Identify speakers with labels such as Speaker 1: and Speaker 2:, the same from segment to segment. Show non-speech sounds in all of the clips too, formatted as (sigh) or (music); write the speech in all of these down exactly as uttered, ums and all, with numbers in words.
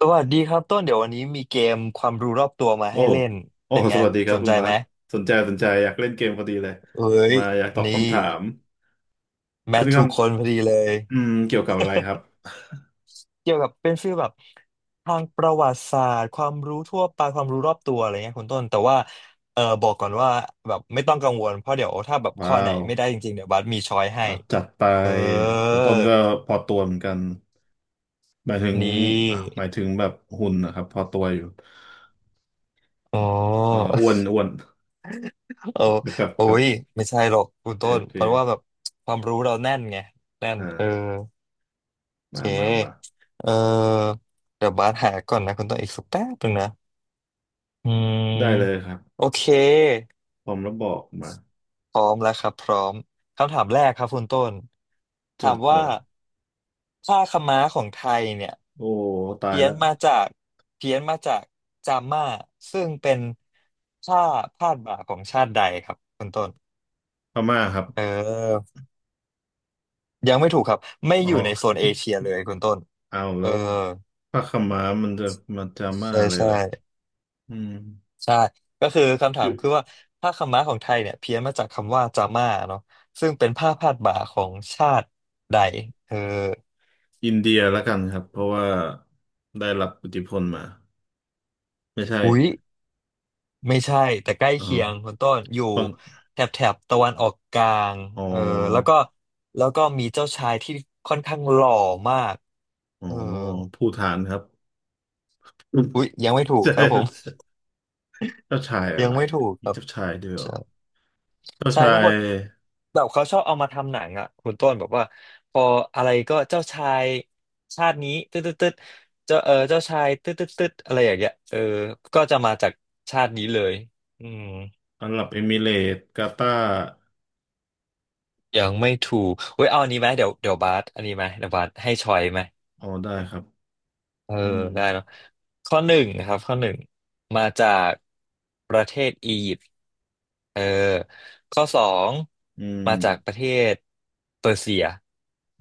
Speaker 1: สวัสดีครับต้นเดี๋ยววันนี้มีเกมความรู้รอบตัวมา
Speaker 2: โอ้
Speaker 1: ให้เล่น
Speaker 2: โอ้
Speaker 1: เป็น
Speaker 2: ส
Speaker 1: ไง
Speaker 2: วัสดีครั
Speaker 1: ส
Speaker 2: บ
Speaker 1: น
Speaker 2: คุ
Speaker 1: ใจ
Speaker 2: ณบา
Speaker 1: ไหม
Speaker 2: สสนใจสนใจอยากเล่นเกมพอดีเลย
Speaker 1: เอ้ย
Speaker 2: มาอยากตอบ
Speaker 1: นี่
Speaker 2: คำถาม
Speaker 1: แม
Speaker 2: เป็
Speaker 1: ท
Speaker 2: นค
Speaker 1: ถูกคนพอดีเลย
Speaker 2: ำอืมเกี่ยวกับอะไรครับ
Speaker 1: เกี่ยวกับเป็นฟีลแบบทางประวัติศาสตร์ความรู้ทั่วไปความรู้รอบตัวอะไรเงี้ยคุณต้นแต่ว่าเออบอกก่อนว่าแบบไม่ต้องกังวลเพราะเดี๋ยวถ้าแบบข้อ
Speaker 2: ว้า
Speaker 1: ไหน
Speaker 2: ว
Speaker 1: ไม่ได้จริงๆเดี๋ยวบัสมีช้อยให้
Speaker 2: เอาจัดไป
Speaker 1: เออ
Speaker 2: แล้วต้นก็พอตัวเหมือนกันหมายถึง
Speaker 1: นี่
Speaker 2: อ่าหมายถึงแบบหุ่นนะครับ พอตัวอยู่
Speaker 1: อ๋อ
Speaker 2: อ่าอ้วนอ้วน
Speaker 1: (laughs) โอ้
Speaker 2: นะครับ
Speaker 1: โอ้
Speaker 2: ครับ
Speaker 1: ยไม่ใช่หรอกคุณ
Speaker 2: โอเค
Speaker 1: ต้
Speaker 2: โอ
Speaker 1: น
Speaker 2: เค
Speaker 1: เพราะว่าแบบความรู้เราแน่นไงแน่น
Speaker 2: อ่า
Speaker 1: เออ เ
Speaker 2: มามามา
Speaker 1: คเออเดี๋ยวบาสหาก่อนนะคุณต้องอีกสักแป๊บหนึ่งนะอื
Speaker 2: ได้เลย
Speaker 1: ม
Speaker 2: ครับ
Speaker 1: โอเค
Speaker 2: พร้อมแล้วบอกมา
Speaker 1: พร้อมแล้วครับพร้อมคำถามแรกครับคุณต้นถา
Speaker 2: เจิด
Speaker 1: มว่า
Speaker 2: เปิด
Speaker 1: ผ้าขม้าของไทยเนี่ย
Speaker 2: โอ้ ตาย
Speaker 1: เพี้ย
Speaker 2: แล้
Speaker 1: น
Speaker 2: ว
Speaker 1: มาจากเพี้ยนมาจากจาม่าซึ่งเป็นผ้าพาดบ่าของชาติใดครับคุณต้น
Speaker 2: พม่าครับ
Speaker 1: เออยังไม่ถูกครับไม่
Speaker 2: อ๋
Speaker 1: อยู่
Speaker 2: อ
Speaker 1: ในโซนเอเชียเลยคุณต้น
Speaker 2: เอา
Speaker 1: เอ
Speaker 2: แล้
Speaker 1: อ
Speaker 2: วพระขาวม้ามันจะมาดาม่า
Speaker 1: ใช่
Speaker 2: เลย
Speaker 1: ใช่
Speaker 2: เหรออืม
Speaker 1: ใช่ก็คือคำ
Speaker 2: อ
Speaker 1: ถา
Speaker 2: ยู่
Speaker 1: มคือว่าผ้าขาวม้าของไทยเนี่ยเพี้ยนมาจากคำว่าจาม่าเนาะซึ่งเป็นผ้าพาดบ่าของชาติใดเออ
Speaker 2: อินเดียแล้วกันครับเพราะว่าได้รับอิทธิพลมาไม่ใช่
Speaker 1: อุ๊ยไม่ใช่แต่ใกล้
Speaker 2: อ๋อ
Speaker 1: เคียงคุณต้นอยู่
Speaker 2: ปัง
Speaker 1: แถบแถบตะวันออกกลาง
Speaker 2: อ๋
Speaker 1: เออแล้ว
Speaker 2: อ
Speaker 1: ก็แล้วก็มีเจ้าชายที่ค่อนข้างหล่อมาก
Speaker 2: อ๋อ
Speaker 1: เออ
Speaker 2: ภูฏานครับ
Speaker 1: อุ๊ยยังไม่
Speaker 2: (laughs)
Speaker 1: ถูก
Speaker 2: ใช
Speaker 1: ครับผม
Speaker 2: ่เจ้าชาย
Speaker 1: (laughs)
Speaker 2: อะ
Speaker 1: ยัง
Speaker 2: ไร
Speaker 1: ไม่ถูกค
Speaker 2: อีก
Speaker 1: รับ
Speaker 2: เจ้าชายด้วยเหรอเจ้า
Speaker 1: ใช่
Speaker 2: ชา
Speaker 1: ทุก
Speaker 2: ย
Speaker 1: คนแบบเขาชอบเอามาทำหนังอ่ะคุณต้นแบบว่าพออะไรก็เจ้าชายชาตินี้ตึ๊ดตึ๊ดตึ๊ดเจ้าเออเจ้าชายตึ๊ดตึ๊ดตึ๊ดอะไรอย่างเงี้ยเออก็จะมาจากชาตินี้เลยอืม
Speaker 2: อาหรับเอมิเรตส์กาตาร์
Speaker 1: ยังไม่ถูกเว้ยเอาอันนี้ไหมเดี๋ยวเดี๋ยวบาสอันนี้ไหมเดี๋ยวบาสให้ชอยไหม
Speaker 2: อ๋อได้ครับ
Speaker 1: เออ
Speaker 2: อืม
Speaker 1: ได้เนาะข้อหนึ่งนะครับข้อหนึ่งมาจากประเทศอียิปต์เออข้อสอง
Speaker 2: อื
Speaker 1: มาจากป
Speaker 2: ม
Speaker 1: ระเทศเปอร์เซีย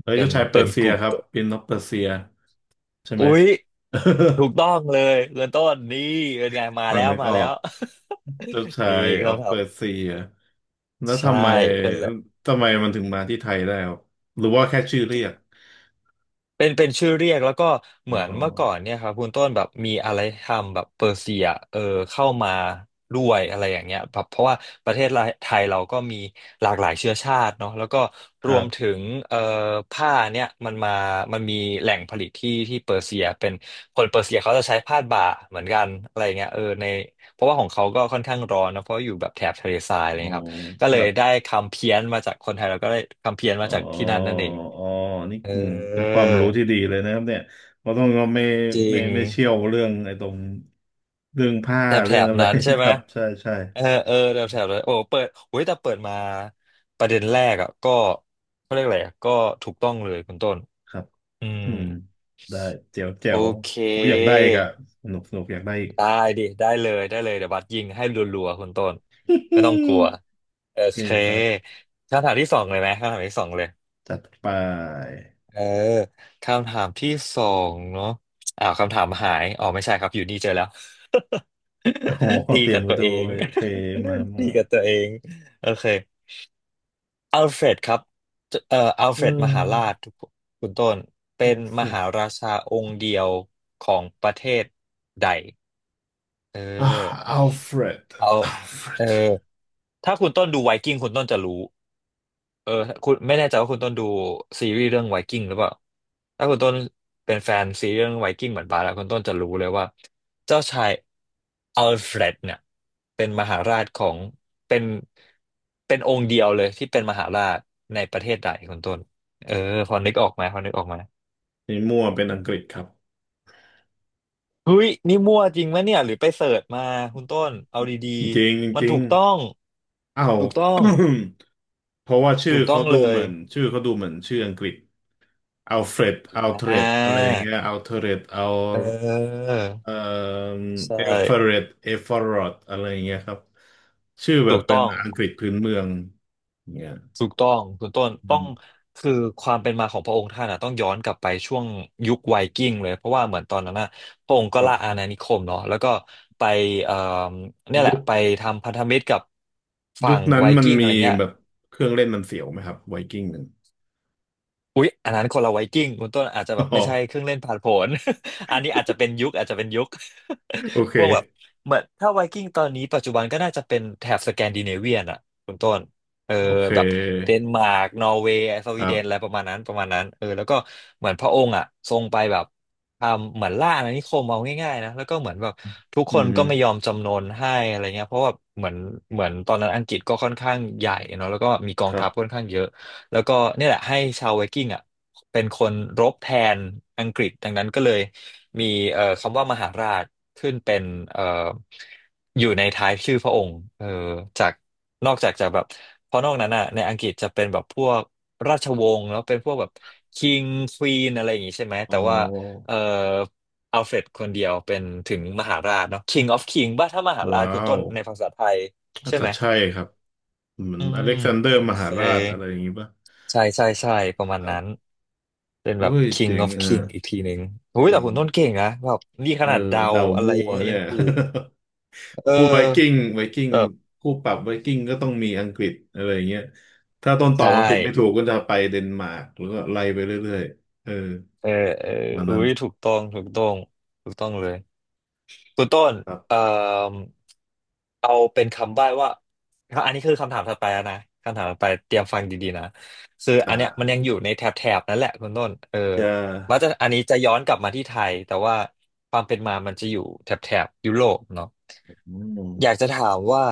Speaker 2: เฮ้ย
Speaker 1: เป็
Speaker 2: เจ้า
Speaker 1: น
Speaker 2: ชายเปอ
Speaker 1: เป็น
Speaker 2: ร์เซี
Speaker 1: ก
Speaker 2: ย
Speaker 1: ลุ่ม
Speaker 2: ครับเป็นนกเปอร์เซียใช่ไหม
Speaker 1: อุ๊ย
Speaker 2: (laughs)
Speaker 1: ถูกต้องเลยเริ่มต้นนี่เป็นไงมา
Speaker 2: มั
Speaker 1: แล้
Speaker 2: น
Speaker 1: ว
Speaker 2: นึก
Speaker 1: มา
Speaker 2: อ
Speaker 1: แล้
Speaker 2: อก
Speaker 1: ว
Speaker 2: เจ้าชา
Speaker 1: (laughs) นี่
Speaker 2: ยอ
Speaker 1: เขา
Speaker 2: อกเป
Speaker 1: ทำ
Speaker 2: อร์เซียแล้ว
Speaker 1: ใช่
Speaker 2: ทำไมทำไมมันถึงมาที่ไทยได้ครับหรือว่าแค่ชื่อเรียก
Speaker 1: เป็นเป็นชื่อเรียกแล้วก็
Speaker 2: อ๋
Speaker 1: เห
Speaker 2: อ
Speaker 1: มือนเมื่อก่อนเนี่ยครับคุณต้นแบบมีอะไรทำแบบเปอร์เซียเออเข้ามาด้วยอะไรอย่างเงี้ยแบบเพราะว่าประเทศไทยเราก็มีหลากหลายเชื้อชาติเนาะแล้วก็
Speaker 2: ค
Speaker 1: ร
Speaker 2: รั
Speaker 1: วมถึ
Speaker 2: บ
Speaker 1: งเอ่อผ้าเนี่ยมันมามันมีแหล่งผลิตที่ที่เปอร์เซียเป็นคนเปอร์เซียเขาจะใช้ผ้าบ่าเหมือนกันอะไรเงี้ยเออในเพราะว่าของเขาก็ค่อนข้างร้อนนะเพราะอยู่แบบแถบทะเลทรายอะไร
Speaker 2: อ๋อ
Speaker 1: เงี้ยครับก็
Speaker 2: ค
Speaker 1: เล
Speaker 2: รั
Speaker 1: ย
Speaker 2: บ
Speaker 1: ได้คำเพี้ยนมาจากคนไทยเราก็ได้คำเพี้ยนมา
Speaker 2: อ๋อ
Speaker 1: จากที่นั่นนั่นเอง
Speaker 2: อ๋อนี่
Speaker 1: เออ
Speaker 2: อืมเป็นความรู้ที่ดีเลยนะครับเนี่ยเพราะต้องเราไม่
Speaker 1: จริ
Speaker 2: ไม่
Speaker 1: ง
Speaker 2: ไม่เชี่ยวเรื่องไอ้ตรงเรื่องผ้า
Speaker 1: แถบแถ
Speaker 2: เรื่อง
Speaker 1: บ
Speaker 2: อะไร
Speaker 1: นั้นใช่
Speaker 2: (laughs) ค
Speaker 1: ไหม
Speaker 2: รับ (laughs) ใช่ใช่
Speaker 1: เออเออแถบแถบนั้นโอ้เปิดโอ้ยแต่เปิดมาประเด็นแรกอ่ะก็เขาเรียกอะไรอะก็ถูกต้องเลยคุณต้น
Speaker 2: ครับ
Speaker 1: อืม
Speaker 2: อืมได้เจ๋วเจ๋
Speaker 1: โอ
Speaker 2: ว
Speaker 1: เค
Speaker 2: ผมอยากได้อีกอะสนุกสนุกอยากได้อีก
Speaker 1: ได้ดิได้เลยได้เลยเดี๋ยวบัสยิงให้รัวๆคุณต้นไม่ต้องกลัวโอ
Speaker 2: (laughs) นี่
Speaker 1: เค
Speaker 2: ครับ
Speaker 1: คำถามที่สองเลยไหมคำถามที่สองเลย
Speaker 2: จัดไป
Speaker 1: เออคำถามที่สองเนาะอ้าวคำถามหายอ๋อไม่ใช่ครับอยู่นี่เจอแล้ว
Speaker 2: (laughs) โอ้
Speaker 1: (laughs)
Speaker 2: โห
Speaker 1: ตี
Speaker 2: เตรียม
Speaker 1: กับ
Speaker 2: มา
Speaker 1: ตัว
Speaker 2: ดู
Speaker 1: เอง
Speaker 2: เลยโอเคมา
Speaker 1: (laughs)
Speaker 2: มา
Speaker 1: ตีกับตัวเองโอเค อัลเฟรดครับเอ่ออัล
Speaker 2: เ
Speaker 1: เฟรดมหารา
Speaker 2: ออ
Speaker 1: ชคุณต้น
Speaker 2: อั
Speaker 1: เป็
Speaker 2: ล
Speaker 1: น
Speaker 2: เฟ
Speaker 1: ม
Speaker 2: รด
Speaker 1: หาราชาองค์เดียวของประเทศใด เอ
Speaker 2: อ่ะ
Speaker 1: อ
Speaker 2: อัลเฟรด
Speaker 1: เอา
Speaker 2: อัลเฟร
Speaker 1: เออ
Speaker 2: ด
Speaker 1: ถ้าคุณต้นดูไวกิ้งคุณต้นจะรู้ เออคุณไม่แน่ใจว่าคุณต้นดูซีรีส์เรื่องไวกิ้งหรือเปล่าถ้าคุณต้นเป็นแฟนซีรีส์เรื่องไวกิ้งเหมือนบาร์แล้วคุณต้นจะรู้เลยว่าเจ้าชายอัลเฟรดเนี่ยเป็นมหาราชของเป็นเป็นองค์เดียวเลยที่เป็นมหาราชในประเทศใดคุณต้นเออพอนึกออกไหมพอนึกออกไหม
Speaker 2: นี่มั่วเป็นอังกฤษครับ
Speaker 1: เฮ้ยนี่มั่วจริงไหมเนี่ยหรือไปเสิร์ชมาคุณต้นเอาดี
Speaker 2: จริง
Speaker 1: ๆมั
Speaker 2: จ
Speaker 1: น
Speaker 2: ริ
Speaker 1: ถู
Speaker 2: ง
Speaker 1: กต้อง
Speaker 2: อ้าว
Speaker 1: ถูกต้อง
Speaker 2: (coughs) เพราะว่าชื่อ
Speaker 1: ถูกต้
Speaker 2: เขา
Speaker 1: อง
Speaker 2: ดู
Speaker 1: เล
Speaker 2: เห
Speaker 1: ย
Speaker 2: มือนชื่อเขาดูเหมือนชื่ออังกฤษอัลเฟรดอัลเทร
Speaker 1: อ่
Speaker 2: ดอะไรอย่าง
Speaker 1: า
Speaker 2: เงี้ยอัลเทรดอัล
Speaker 1: เออ
Speaker 2: เอ่อ
Speaker 1: ใช่
Speaker 2: เอฟเฟรดเอฟเฟรดอะไรอย่างเงี้ยครับชื่อแบ
Speaker 1: ถู
Speaker 2: บ
Speaker 1: ก
Speaker 2: เป็น
Speaker 1: ต้อง
Speaker 2: อังกฤษพื้นเมืองอย่างเงี้ย
Speaker 1: ถูกต้องคุณต้น
Speaker 2: อื
Speaker 1: ต้อง
Speaker 2: ม
Speaker 1: คือความเป็นมาของพระองค์ท่านอ่ะต้องย้อนกลับไปช่วงยุคไวกิ้งเลยเพราะว่าเหมือนตอนนั้นน่ะพระองค์
Speaker 2: ค
Speaker 1: ก็
Speaker 2: รั
Speaker 1: ล่าอา
Speaker 2: บ
Speaker 1: ณานิคมเนาะแล้วก็ไปเอ่อเนี่ยแห
Speaker 2: ยุ
Speaker 1: ละ
Speaker 2: ค
Speaker 1: ไปทำพันธมิตรกับ
Speaker 2: ยุ
Speaker 1: ฝั่
Speaker 2: ค
Speaker 1: ง
Speaker 2: นั้น
Speaker 1: ไว
Speaker 2: มัน
Speaker 1: กิ้งอะ
Speaker 2: มี
Speaker 1: ไรเงี้ย
Speaker 2: แบบเครื่องเล่นมันเสียวไหมครับไวกิ้งหนึ่ง
Speaker 1: อุ๊ยอันนั้นคนละไวกิ้งคุณต้นอาจจะ
Speaker 2: (laughs) อ๋
Speaker 1: แบบ
Speaker 2: อ
Speaker 1: ไม่ใช่เครื่องเล่นพ่านผน (laughs) อันนี้อาจจะเป็นยุคอาจจะเป็นยุค
Speaker 2: โอ
Speaker 1: (laughs)
Speaker 2: เค
Speaker 1: พวกแบบเหมือนถ้าไวกิ้งตอนนี้ปัจจุบันก็น่าจะเป็นแถบสแกนดิเนเวียนอ่ะคุณต้นเออ
Speaker 2: โอเค
Speaker 1: แบบเดนมาร์กนอร์เวย์ส
Speaker 2: ค
Speaker 1: วี
Speaker 2: รั
Speaker 1: เดนอะไร
Speaker 2: บ
Speaker 1: ประมาณนั้นประมาณนั้นเออแล้วก็เหมือนพระองค์อ่ะทรงไปแบบทำเหมือนล่าอาณานิคมเอาง่ายๆนะแล้วก็เหมือนแบบทุก
Speaker 2: อื
Speaker 1: คน
Speaker 2: มฮึ
Speaker 1: ก็ไม่ยอมจำนนให้อะไรเงี้ยเพราะว่าเหมือนเหมือนตอนนั้นอังกฤษก็ค่อนข้างใหญ่เนาะแล้วก็มีกอ
Speaker 2: ค
Speaker 1: ง
Speaker 2: รั
Speaker 1: ทัพค่อน
Speaker 2: บ
Speaker 1: ข้างเยอะ แล้วก็เนี่ยแหละให้ชาวไวกิ้งอ่ะเป็นคนรบแทนอังกฤษดังนั้นก็เลยมีเอ่อคำว่ามหาราชขึ้นเป็นเอ่ออยู่ในท้ายชื่อพระองค์เออจากนอกจากจะแบบเพราะนอกนั้นอ่ะในอังกฤษจะเป็นแบบพวกราชวงศ์แล้วเป็นพวกแบบคิงควีนอะไรอย่างงี้ใช่ไหม
Speaker 2: อ๋อ
Speaker 1: แต่ว่าเอ่ออัลเฟรดคนเดียวเป็นถึงมหาราชเนาะ King of King บ้าถ้ามหาราช
Speaker 2: ว้า
Speaker 1: คุณต้
Speaker 2: ว
Speaker 1: นในภาษาไทย
Speaker 2: อาจ
Speaker 1: ใช่
Speaker 2: จะ
Speaker 1: ไหม
Speaker 2: ใช่ครับเหมือ
Speaker 1: อื
Speaker 2: นอ
Speaker 1: ม
Speaker 2: เล็กซานเดอ
Speaker 1: โอ
Speaker 2: ร์ม
Speaker 1: เค
Speaker 2: หาราชอะไรอย่างงี้ป่ะ
Speaker 1: ใช่ใช่ใช่ประมา
Speaker 2: ค
Speaker 1: ณ
Speaker 2: รั
Speaker 1: นั้น
Speaker 2: บ
Speaker 1: เป็น
Speaker 2: โอ้
Speaker 1: แบบ
Speaker 2: ยเจ๋
Speaker 1: King
Speaker 2: ง
Speaker 1: of
Speaker 2: อ่ะ
Speaker 1: King อีกทีหนึ่งโอ้ยแต่
Speaker 2: เจ๋ง
Speaker 1: คุณต้นเก่งนะแบบนี่ข
Speaker 2: เออ
Speaker 1: นาดเดา
Speaker 2: เดา
Speaker 1: อะไร
Speaker 2: มั่ว
Speaker 1: เงี้ยยั
Speaker 2: เนี่
Speaker 1: ง
Speaker 2: ย
Speaker 1: ถูก
Speaker 2: (laughs)
Speaker 1: เอ
Speaker 2: พูดไวกิ้ง
Speaker 1: อ
Speaker 2: ไวกิ้ง
Speaker 1: แบบ
Speaker 2: คู่ปรับไวกิ้งก็ต้องมีอังกฤษอะไรอย่างเงี้ยถ้าต้นตอบ
Speaker 1: ใช่
Speaker 2: อังกฤษไม่ถูกก็จะไปเดนมาร์กหรือก็ไล่ไปเรื่อยๆเออ
Speaker 1: เออเออ
Speaker 2: วัน
Speaker 1: อุ้
Speaker 2: นั้น
Speaker 1: ยถูกต้องถูกต้องถูกต้องเลย คุณต้น
Speaker 2: ครั
Speaker 1: เอ่อ
Speaker 2: บ
Speaker 1: เอาเป็นคำใบ้ว่าอันนี้คือคำถามถัดไปแล้วนะคำถามถัดไปเตรียมฟังดีๆนะคืออันเนี้ยมัน
Speaker 2: อ่า
Speaker 1: ยังอยู่ในแถบแถบนั่นแหละคุณต้นเออ
Speaker 2: จะ
Speaker 1: ว่าจะอันนี้จะย้อนกลับมาที่ไทยแต่ว่าความเป็นมามันจะอยู่แถบแถบยุโรปเนาะ
Speaker 2: อืม
Speaker 1: อยากจะถามว่า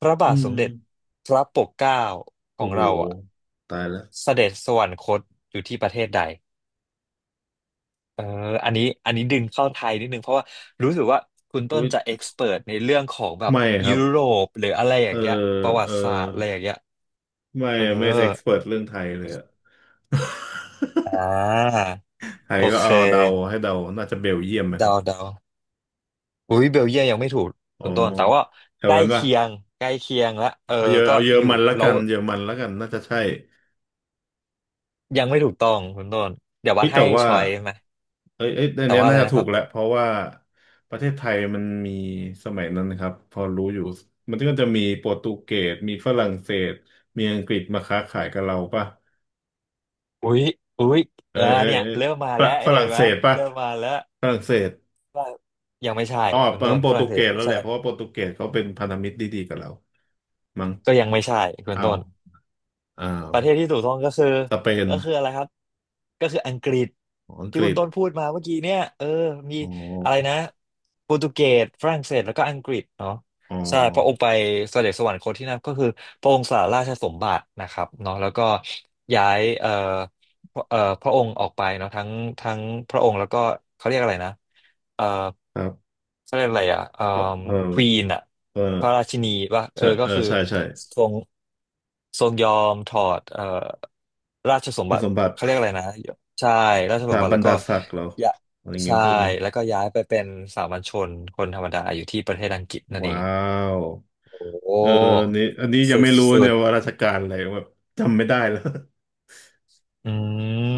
Speaker 1: พระ
Speaker 2: อื
Speaker 1: บาทสมเด็จ
Speaker 2: ม
Speaker 1: พระปกเกล้าขอ
Speaker 2: โอ้
Speaker 1: ง
Speaker 2: โห
Speaker 1: เราอ่ะ
Speaker 2: ตายแล้ว
Speaker 1: เสด็จสวรรคตอยู่ที่ประเทศใด เอออันนี้อันนี้ดึงเข้าไทยนิดนึงเพราะว่ารู้สึกว่าคุณต้
Speaker 2: อุ้
Speaker 1: น
Speaker 2: ย
Speaker 1: จะเอ็กซ์เพิร์ในเรื่องของแบบ
Speaker 2: ไม่ครั
Speaker 1: ยุ
Speaker 2: บ
Speaker 1: โรปหรืออะไรอ
Speaker 2: เอ
Speaker 1: ย่า
Speaker 2: อ
Speaker 1: งเงี้ยประวั
Speaker 2: เออ
Speaker 1: ติศาสตร์อะไรอย่างเงี้ย
Speaker 2: ไม่
Speaker 1: เออ
Speaker 2: ไม่เอ็กซ์เพรสเรื่องไทยเลยอะ (laughs)
Speaker 1: อ่า
Speaker 2: ไทย
Speaker 1: โอ
Speaker 2: ก็
Speaker 1: เค
Speaker 2: เอาเดาให้เดาน่าจะเบลเยียมไหมครั
Speaker 1: เดา
Speaker 2: บ
Speaker 1: เดาอุ้ยเบลเยียมยังไม่ถูก
Speaker 2: อ๋อ
Speaker 1: คุณต้นแต่ว่า
Speaker 2: แถว
Speaker 1: ใกล้
Speaker 2: นั้นป่ะ
Speaker 1: เคียงใกล้เคียงละเออ
Speaker 2: เอาเยอ
Speaker 1: ก็
Speaker 2: เอาเยอร
Speaker 1: อยู่
Speaker 2: มันละ
Speaker 1: แล้
Speaker 2: กั
Speaker 1: ว
Speaker 2: นเยอรมันละกันน่าจะใช่
Speaker 1: ยังไม่ถูกต้องคุณต้นเดี๋ยววั
Speaker 2: เฮ้
Speaker 1: ด
Speaker 2: ย
Speaker 1: ให้
Speaker 2: แต่ว่า
Speaker 1: ชอยไหม
Speaker 2: เอ้ยเอ้ยอัน
Speaker 1: แต่
Speaker 2: เนี้ย
Speaker 1: ว่าอะ
Speaker 2: น่า
Speaker 1: ไร
Speaker 2: จะ
Speaker 1: นะ
Speaker 2: ถู
Speaker 1: ครั
Speaker 2: กแหละ
Speaker 1: บ
Speaker 2: เพราะว่าประเทศไทยมันมีสมัยนั้นนะครับพอรู้อยู่มันก็จะมีโปรตุเกสมีฝรั่งเศสมีอังกฤษมาค้าขายกับเราป่ะ
Speaker 1: อุ้ยอุ้ย
Speaker 2: เอ้
Speaker 1: เออ
Speaker 2: ยเอ้ย
Speaker 1: เนี่ย
Speaker 2: เอ้ย
Speaker 1: เริ่มมา
Speaker 2: ฝร
Speaker 1: แล้ว
Speaker 2: ฝ
Speaker 1: เห็
Speaker 2: รั่
Speaker 1: น
Speaker 2: ง
Speaker 1: ไหม
Speaker 2: เศสป่ะ
Speaker 1: เริ่มมาแล้ว
Speaker 2: ฝรั่งเศส
Speaker 1: ว่ายังไม่ใช่
Speaker 2: อ๋อ
Speaker 1: คุณ
Speaker 2: เปิ
Speaker 1: ต้
Speaker 2: ด
Speaker 1: น
Speaker 2: โปร
Speaker 1: ฝ
Speaker 2: ตุ
Speaker 1: รั่งเศ
Speaker 2: เก
Speaker 1: ส
Speaker 2: ส
Speaker 1: ไม่
Speaker 2: แล้วแห
Speaker 1: ใช่
Speaker 2: ละเพราะว่าโปรตุเกสเขาเป็นพันธมิตรดีๆกับเรามั้ง
Speaker 1: ก็ยังไม่ใช่คุณ
Speaker 2: อ้า
Speaker 1: ต้
Speaker 2: ว
Speaker 1: น
Speaker 2: อ้าว
Speaker 1: ประเทศที่ถูกต้องก็คือ
Speaker 2: สเปน
Speaker 1: ก็คืออะไรครับก็คืออังกฤษ
Speaker 2: อ๋ออังก
Speaker 1: ที่คุ
Speaker 2: ฤ
Speaker 1: ณ
Speaker 2: ษ
Speaker 1: ต้นพูดมาเมื่อกี้เนี่ยเออมี
Speaker 2: อ๋
Speaker 1: อะไร
Speaker 2: อ
Speaker 1: นะโปรตุเกสฝรั่งเศสแล้วก็อังกฤษเนาะ
Speaker 2: อ๋อ
Speaker 1: ใช่พระองค์ไปเสด็จสวรรคตที่นั่นก็คือพระองค์สละราชสมบัตินะครับเนาะแล้วก็ย้ายเอ่อ พระเอ่อพระองค์ออกไปเนาะทั้งทั้งพระองค์แล้วก็เขาเรียกอะไรนะเอ่อ
Speaker 2: ครับ
Speaker 1: เขาเรียกอะไรอ่ะเอ่อ
Speaker 2: เอ
Speaker 1: ควี
Speaker 2: อ
Speaker 1: นอ่ะ
Speaker 2: เ
Speaker 1: พระรา
Speaker 2: ออ
Speaker 1: ชินีว่าเอ
Speaker 2: ใช่
Speaker 1: อก็
Speaker 2: เออ
Speaker 1: คือ
Speaker 2: ใช่ใช่
Speaker 1: ทรงทรงยอมถอดเอ่อราชสม
Speaker 2: คุ
Speaker 1: บั
Speaker 2: ณส
Speaker 1: ติ
Speaker 2: มบัติ
Speaker 1: เขาเรียกอะไรนะใช่ราช
Speaker 2: ส
Speaker 1: สม
Speaker 2: ถา
Speaker 1: บั
Speaker 2: บ
Speaker 1: ติ
Speaker 2: ร
Speaker 1: แล้ว
Speaker 2: ร
Speaker 1: ก็
Speaker 2: ดาศักดิ์เหรอ
Speaker 1: ยะ
Speaker 2: อะไรเงี้
Speaker 1: ใช่
Speaker 2: ยพวกนั้น
Speaker 1: แล้วก็ย้ายไปเป็นสามัญชนคนธรรมดาอยู่ที่ประเทศอังกฤษนั่นเอ
Speaker 2: ว้า
Speaker 1: ง
Speaker 2: ว
Speaker 1: โอ้
Speaker 2: เอออันนี้อันนี้ยัง
Speaker 1: สุด
Speaker 2: ไม่รู้
Speaker 1: สุ
Speaker 2: เนี่
Speaker 1: ด
Speaker 2: ยว่าราชการอะไรแบบจำไม่ได้แล้ว (laughs)
Speaker 1: อื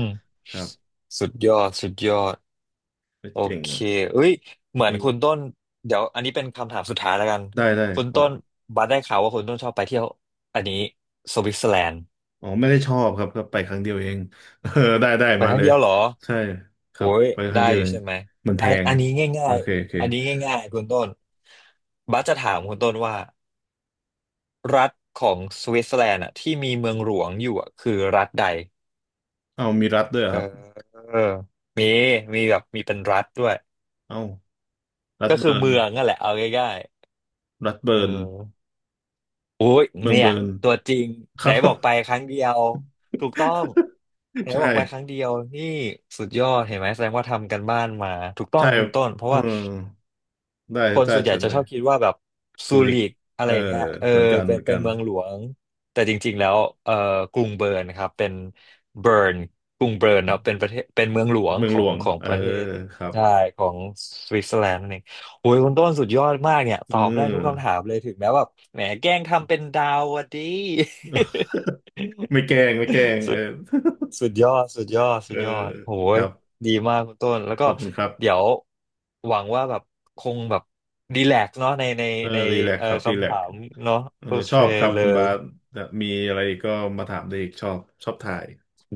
Speaker 1: ม
Speaker 2: ครับ
Speaker 1: สุดยอดสุดยอด
Speaker 2: ไม่
Speaker 1: โอ
Speaker 2: เจ๋ง
Speaker 1: เค
Speaker 2: อ่ะ
Speaker 1: เอ้ย เหมือน
Speaker 2: นี่
Speaker 1: คุณต้นเดี๋ยวอันนี้เป็นคำถามสุดท้ายแล้วกัน
Speaker 2: ได้ได้
Speaker 1: คุณ
Speaker 2: ขอ
Speaker 1: ต้นบัสได้ข่าวว่าคุณต้นชอบไปเที่ยวอันนี้สวิตเซอร์แลนด์
Speaker 2: อ๋อไม่ได้ชอบครับก็ไปครั้งเดียวเอง (laughs) เออได้ได้
Speaker 1: ไป
Speaker 2: มา
Speaker 1: ครั้
Speaker 2: เล
Speaker 1: ง
Speaker 2: ย
Speaker 1: เดียวเหรอ
Speaker 2: ใช่ครั
Speaker 1: โอ้
Speaker 2: บ
Speaker 1: ย
Speaker 2: ไปครั้
Speaker 1: ได้
Speaker 2: งเดียว
Speaker 1: อยู่
Speaker 2: เอง
Speaker 1: ใช่ไหม
Speaker 2: มันแพ
Speaker 1: อัน
Speaker 2: ง
Speaker 1: อันนี้
Speaker 2: โอ
Speaker 1: ง่าย
Speaker 2: เคโอเค
Speaker 1: ๆอันนี้ง่ายๆคุณต้นบัสจะถามคุณต้นว่ารัฐของสวิตเซอร์แลนด์อะที่มีเมืองหลวงอยู่อะคือรัฐใด
Speaker 2: เอามีรัฐด้วยเหรอ
Speaker 1: เอ
Speaker 2: ค
Speaker 1: อ
Speaker 2: รับ
Speaker 1: เออมีมีแบบมีเป็นรัฐด้วย
Speaker 2: เอารัฐ
Speaker 1: ก็คือ
Speaker 2: เบิร์น
Speaker 1: เมืองนั่นแหละเอาง่าย
Speaker 2: รัฐ
Speaker 1: ๆเอ
Speaker 2: เบิ
Speaker 1: อ
Speaker 2: ร์น
Speaker 1: โอ้ย
Speaker 2: เมือง
Speaker 1: เนี่
Speaker 2: เบิ
Speaker 1: ย
Speaker 2: ร์น
Speaker 1: ตัวจริง
Speaker 2: ค
Speaker 1: ไหน
Speaker 2: รับ
Speaker 1: บอกไปครั้งเดียวถูกต้องไหน
Speaker 2: (laughs)
Speaker 1: บ
Speaker 2: ใช่
Speaker 1: อกไปครั้งเดียวนี่สุดยอดเห็นไหมแสดงว่าทำกันบ้านมาถูกต้อ
Speaker 2: ใช่
Speaker 1: งคุณต้นเพราะ
Speaker 2: เออ
Speaker 1: ว่า
Speaker 2: ได้
Speaker 1: คน
Speaker 2: ได้
Speaker 1: ส่วนใหญ่
Speaker 2: เชิญ
Speaker 1: จะ
Speaker 2: เล
Speaker 1: ช
Speaker 2: ย
Speaker 1: อบคิดว่าแบบซู
Speaker 2: ซูริก
Speaker 1: ริกอะไร
Speaker 2: เออ
Speaker 1: อย่างเงี้ยเออ
Speaker 2: เหมือนกัน
Speaker 1: เป็
Speaker 2: เห
Speaker 1: น
Speaker 2: มือน
Speaker 1: เป็
Speaker 2: กั
Speaker 1: น
Speaker 2: น
Speaker 1: เมืองหลวงแต่จริงๆแล้วเออกรุงเบิร์นครับเป็นเบิร์นกรุงเบิร์นเนาะเป็นประเทศเป็นเมืองหลวง
Speaker 2: เมือ
Speaker 1: ข
Speaker 2: งห
Speaker 1: อ
Speaker 2: ล
Speaker 1: ง
Speaker 2: วง
Speaker 1: ของ
Speaker 2: เออ
Speaker 1: ประเทศ
Speaker 2: ครับ
Speaker 1: ใช่ของสวิตเซอร์แลนด์นั่นเองโอ้ยคุณต้นสุดยอดมากเนี่ย
Speaker 2: เ
Speaker 1: ตอบได้ทุกคำ
Speaker 2: ออ
Speaker 1: ถามเลยถึงแม้ว่าแหมแกล้งทำเป็นดาวอะดี
Speaker 2: ไม่แกล้งไม่แกล้ง
Speaker 1: (laughs) สุ
Speaker 2: เออ
Speaker 1: สุดยอดสุดยอด
Speaker 2: เอ
Speaker 1: สุ
Speaker 2: อ
Speaker 1: ดยอดโห
Speaker 2: ค
Speaker 1: ย
Speaker 2: รับ
Speaker 1: ดีมากคุณต้นแล้วก็
Speaker 2: ขอบคุณครับ
Speaker 1: เดี๋ยวหวังว่าแบบคงแบบดีแลกซ์เนาะในใน
Speaker 2: เออ
Speaker 1: ใน
Speaker 2: รีแลก
Speaker 1: เอ่อ
Speaker 2: ครับรี
Speaker 1: คำ
Speaker 2: แล
Speaker 1: ถา
Speaker 2: ก
Speaker 1: มเนาะ
Speaker 2: เออ
Speaker 1: โอ
Speaker 2: ช
Speaker 1: เค
Speaker 2: อบครับ
Speaker 1: เล
Speaker 2: คุณ
Speaker 1: ย
Speaker 2: บาสมีอะไรก็มาถามได้อีกชอบชอบถ่าย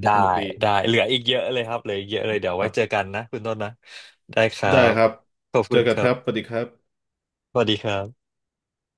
Speaker 1: ได้
Speaker 2: สนุกดี
Speaker 1: ได้เหลืออีกเยอะเลยครับเหลืออีกเยอะเลยเดี๋ยว
Speaker 2: ค
Speaker 1: ไว้
Speaker 2: รั
Speaker 1: เจอกั
Speaker 2: บ
Speaker 1: นนะคุณต้นนะได้ครั
Speaker 2: ได้
Speaker 1: บ
Speaker 2: ครับ
Speaker 1: ขอบ
Speaker 2: เจ
Speaker 1: คุ
Speaker 2: อ
Speaker 1: ณ
Speaker 2: กั
Speaker 1: ค
Speaker 2: นค
Speaker 1: รั
Speaker 2: รับส
Speaker 1: บ
Speaker 2: วัสดีครับ
Speaker 1: สวัสดีครับ